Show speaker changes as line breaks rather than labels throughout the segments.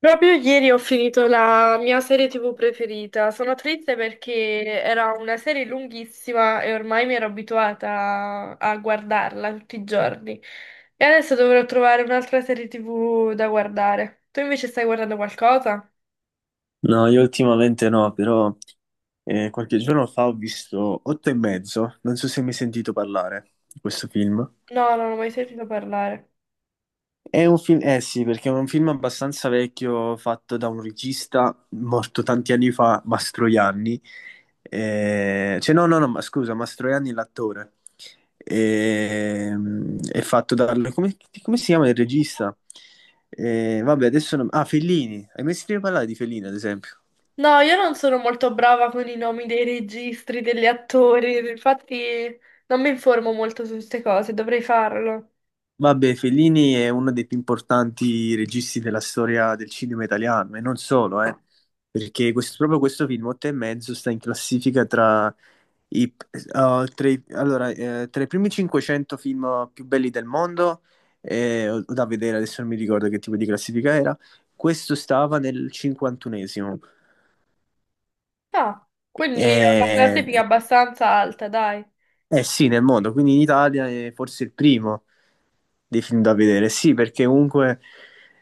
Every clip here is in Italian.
Proprio ieri ho finito la mia serie TV preferita. Sono triste perché era una serie lunghissima e ormai mi ero abituata a guardarla tutti i giorni. E adesso dovrò trovare un'altra serie TV da guardare. Tu invece stai guardando qualcosa?
No, io ultimamente no, però qualche giorno fa ho visto Otto e mezzo, non so se mi hai sentito parlare di questo film.
No, non ho mai sentito parlare.
È un film, eh sì, perché è un film abbastanza vecchio fatto da un regista morto tanti anni fa, Mastroianni. Cioè, no, no, no, ma scusa, Mastroianni è l'attore. È fatto dal. Come si chiama il regista? Vabbè, adesso, ah, Fellini. Hai mai sentito parlare di Fellini, ad esempio?
No, io non sono molto brava con i nomi dei registi, degli attori, infatti non mi informo molto su queste cose, dovrei farlo.
Vabbè, Fellini è uno dei più importanti registi della storia del cinema italiano e non solo, perché proprio questo film, Otto e mezzo, sta in classifica tra i, eh, allora, tra i primi 500 film più belli del mondo, o da vedere, adesso non mi ricordo che tipo di classifica era. Questo stava nel 51esimo,
Ah, quindi ho una
eh,
classifica abbastanza alta, dai.
eh sì, nel mondo, quindi in Italia è forse il primo dei film da vedere. Sì, perché comunque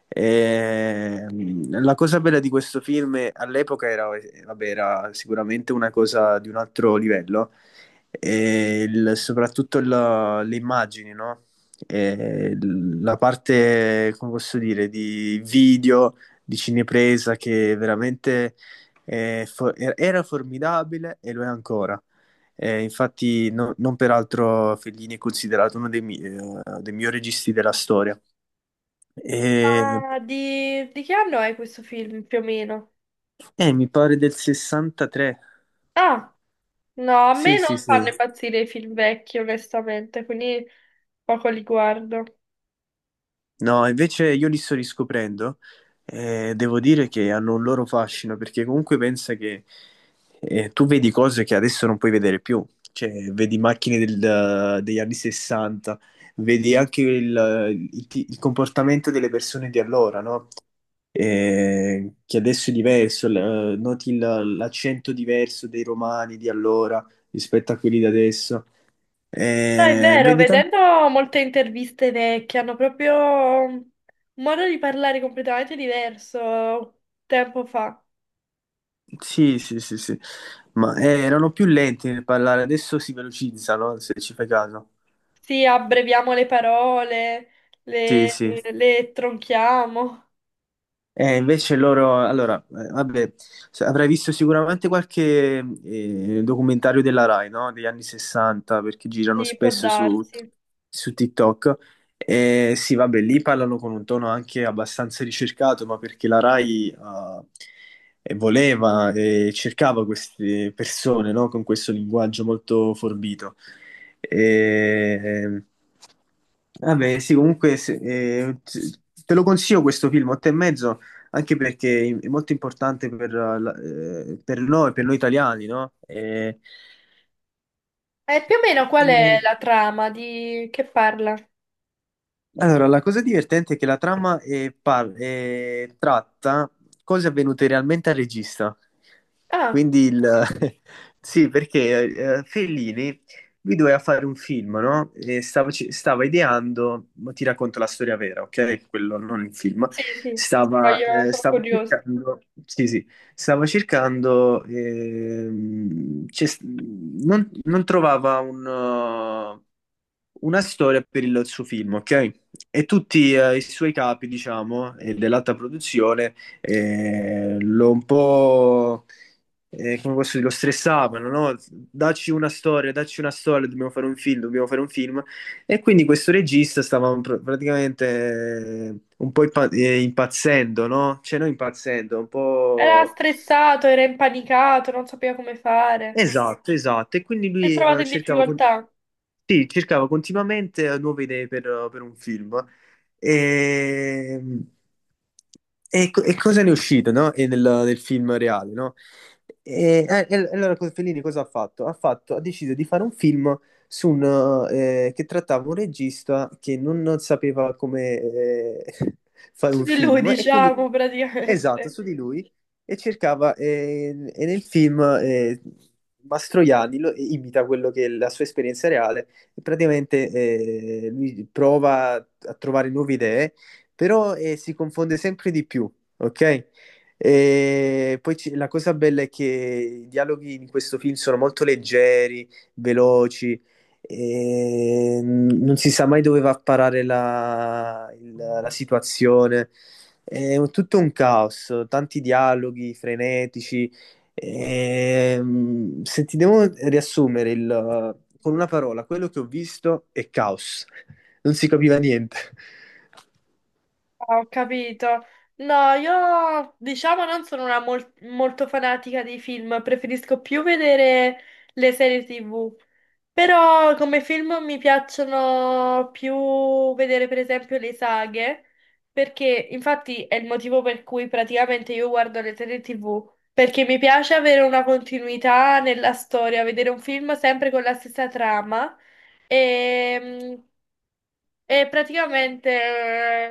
la cosa bella di questo film all'epoca vabbè, era sicuramente una cosa di un altro livello, soprattutto le immagini, no? La parte, come posso dire, di video, di cinepresa che veramente era formidabile e lo è ancora. Infatti, non peraltro Fellini è considerato uno dei migliori registi della storia. E,
Ma di che anno è questo film più o meno?
Mi pare del 63.
Ah, no, a
Sì,
me non
sì, sì.
fanno impazzire i film vecchi, onestamente, quindi poco li guardo.
No, invece io li sto riscoprendo e devo dire che hanno un loro fascino perché comunque pensa che tu vedi cose che adesso non puoi vedere più. Cioè, vedi macchine degli anni 60, vedi anche il comportamento delle persone di allora, no? Che adesso è diverso, noti l'accento diverso dei romani di allora rispetto a quelli di adesso.
No, è vero,
Vedi tanti.
vedendo molte interviste vecchie hanno proprio un modo di parlare completamente diverso tempo fa.
Sì, sì, sì, sì, ma erano più lenti nel parlare, adesso si velocizzano, se ci fai caso.
Sì, abbreviamo le parole,
Sì,
le,
sì.
le tronchiamo.
Invece loro, allora, vabbè, avrai visto sicuramente qualche documentario della Rai, no? Degli anni 60, perché girano
Sì, può
spesso su,
darsi.
su TikTok. Sì, vabbè, lì parlano con un tono anche abbastanza ricercato, ma perché la Rai voleva e cercava queste persone, no? Con questo linguaggio molto forbito. Eh, Vabbè, sì, comunque te lo consiglio questo film, Otto e mezzo, anche perché è molto importante per noi italiani, no?
E più o meno qual è
E-
la trama di che parla?
Allora, la cosa divertente è che la trama tratta cose avvenute realmente al regista.
Ah.
Quindi il. Sì, perché Fellini lui doveva fare un film, no? E stava ideando, ma ti racconto la storia vera, ok? Quello non il film.
Sì, sì,
Stava,
voglio,
eh,
sono
stava
curiosa.
cercando, sì, sì, stava cercando, non trovava una storia per il suo film, ok? E tutti i suoi capi, diciamo, dell'alta produzione, eh, lo un po', come posso dire, lo stressavano, no? Dacci una storia, dobbiamo fare un film, dobbiamo fare un film. E quindi questo regista stava praticamente un po' impazzendo, no? Cioè, non impazzendo, un
Era
po'.
stressato, era impanicato, non sapeva come fare.
Esatto, esatto. E quindi
Si è
lui
trovato in
cercava.
difficoltà.
Sì, cercavo continuamente nuove idee per un film. E, e cosa ne è uscito, no? E nel film reale, no? Allora, Fellini cosa ha fatto? Ha deciso di fare un film su che trattava un regista che non sapeva come fare
Su
un
di lui,
film e quindi,
diciamo,
esatto,
praticamente.
su di lui e cercava, e nel film, Mastroianni imita quello che è la sua esperienza reale e praticamente lui prova a trovare nuove idee, però si confonde sempre di più, ok? E poi la cosa bella è che i dialoghi in questo film sono molto leggeri, veloci, e non si sa mai dove va a parare la situazione. Tutto un caos, tanti dialoghi frenetici. Se ti devo riassumere con una parola, quello che ho visto è caos, non si capiva niente.
Ho capito. No, io diciamo non sono una molto fanatica dei film, preferisco più vedere le serie TV. Però come film mi piacciono più vedere per esempio le saghe, perché infatti è il motivo per cui praticamente io guardo le serie TV, perché mi piace avere una continuità nella storia, vedere un film sempre con la stessa trama. Ehm, e praticamente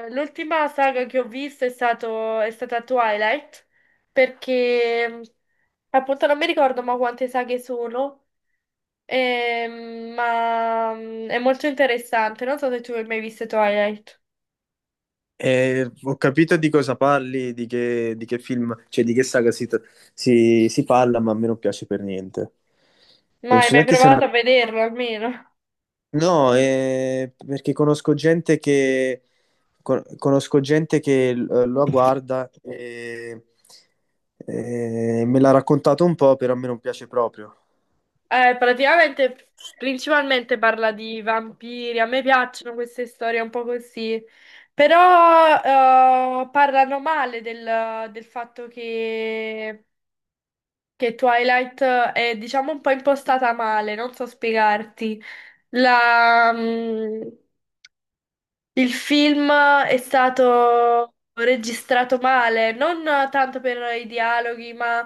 l'ultima saga che ho visto è stata Twilight, perché appunto non mi ricordo ma quante saghe sono, è molto interessante. Non so se tu hai mai visto Twilight,
Ho capito di cosa parli, di che film, cioè di che saga si parla, ma a me non piace per niente.
ma
Non
hai
so
mai
neanche se è
provato
una.
a vederlo almeno?
No, perché conosco gente che lo guarda e me l'ha raccontato un po', però a me non piace proprio.
Praticamente, principalmente parla di vampiri, a me piacciono queste storie un po' così. Però parlano male del fatto che Twilight è, diciamo, un po' impostata male, non so spiegarti. La, mm, il film è stato registrato male, non tanto per i dialoghi, ma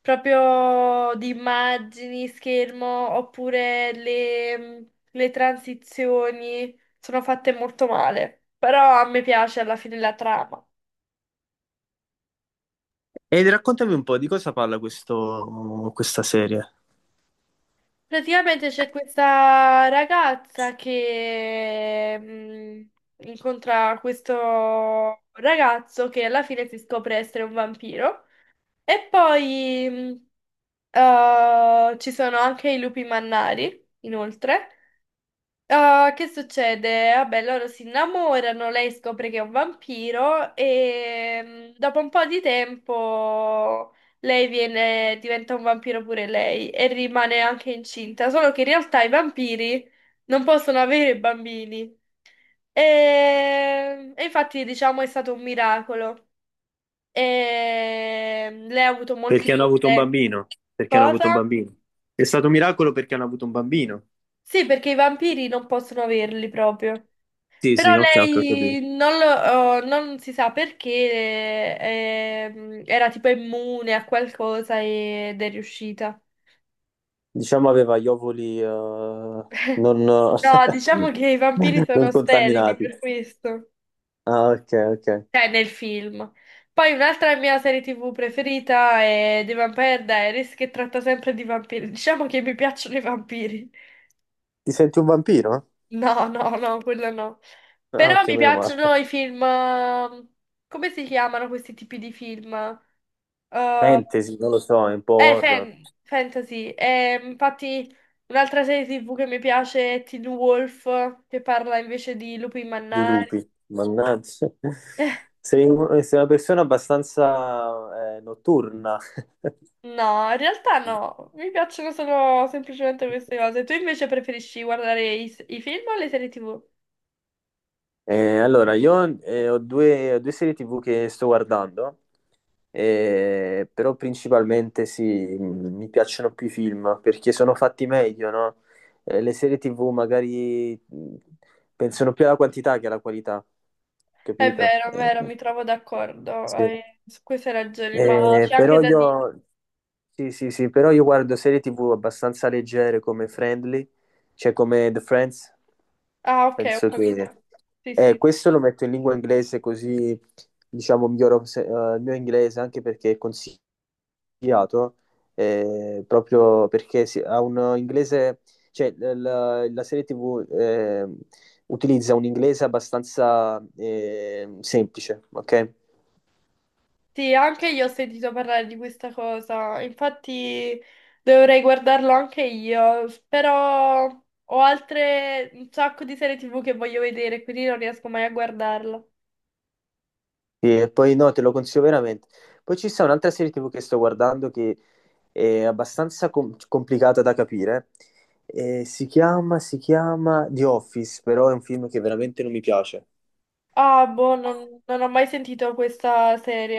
proprio di immagini, schermo, oppure le transizioni sono fatte molto male. Però a me piace alla fine la trama.
E raccontami un po' di cosa parla questa serie.
Praticamente c'è questa ragazza che incontra questo ragazzo che alla fine si scopre essere un vampiro. E poi ci sono anche i lupi mannari, inoltre. Ah, che succede? Vabbè, loro si innamorano, lei scopre che è un vampiro e mm, dopo un po' di tempo lei diventa un vampiro pure lei e rimane anche incinta, solo che in realtà i vampiri non possono avere bambini. E infatti, diciamo, è stato un miracolo. E mm, lei ha avuto molti
Perché hanno avuto un
problemi.
bambino. Perché hanno avuto un
Cosa?
bambino. È stato un miracolo perché hanno avuto un bambino.
Sì, perché i vampiri non possono averli proprio.
Sì,
Però
sì, ok, ok, ho capito.
lei non, lo- oh, non si sa perché era tipo immune a qualcosa ed è riuscita.
Diciamo aveva gli ovuli non,
No, diciamo che i vampiri sono
non
sterili
contaminati.
per questo,
Ah, ok, ok.
cioè nel film. Poi un'altra mia serie TV preferita è The Vampire Diaries che tratta sempre di vampiri. Diciamo che mi piacciono i vampiri.
Ti senti un vampiro?
No, no, no, quello no.
Ah,
Però
ok,
mi
meno male.
piacciono i film. Come si chiamano questi tipi di film? Eh,
Fantasy, non lo so, è un po' horror.
Fantasy. Infatti, un'altra serie TV che mi piace è Teen Wolf, che parla invece di lupi
Di
mannari.
lupi. Mannaggia. Sei una persona abbastanza notturna.
No, in realtà no, mi piacciono solo semplicemente queste cose. Tu invece preferisci guardare i film o le serie TV?
Allora, io ho due serie TV che sto guardando, però principalmente sì, mi piacciono più i film perché sono fatti meglio, no? Le serie TV magari pensano più alla quantità che alla qualità, capito?
È vero, mi trovo d'accordo
Sì.
su queste ragioni, ma
Eh,
c'è anche
però
da dire.
io, sì, sì, sì, però io guardo serie TV abbastanza leggere come Friendly, cioè come The Friends,
Ah, ok, ho
penso che.
capito. Sì, sì.
Questo lo metto in lingua inglese così, diciamo, miglioro il mio inglese anche perché è consigliato, proprio perché ha un inglese, cioè la serie TV utilizza un inglese abbastanza semplice, ok?
Sì, anche io ho sentito parlare di questa cosa, infatti dovrei guardarlo anche io, però ho altre un sacco di serie TV che voglio vedere, quindi non riesco mai a guardarla.
Sì, e poi no, te lo consiglio veramente. Poi ci sta un'altra serie TV che sto guardando che è abbastanza complicata da capire. Si chiama The Office, però è un film che veramente non mi piace.
Ah, boh, non ho mai sentito questa serie.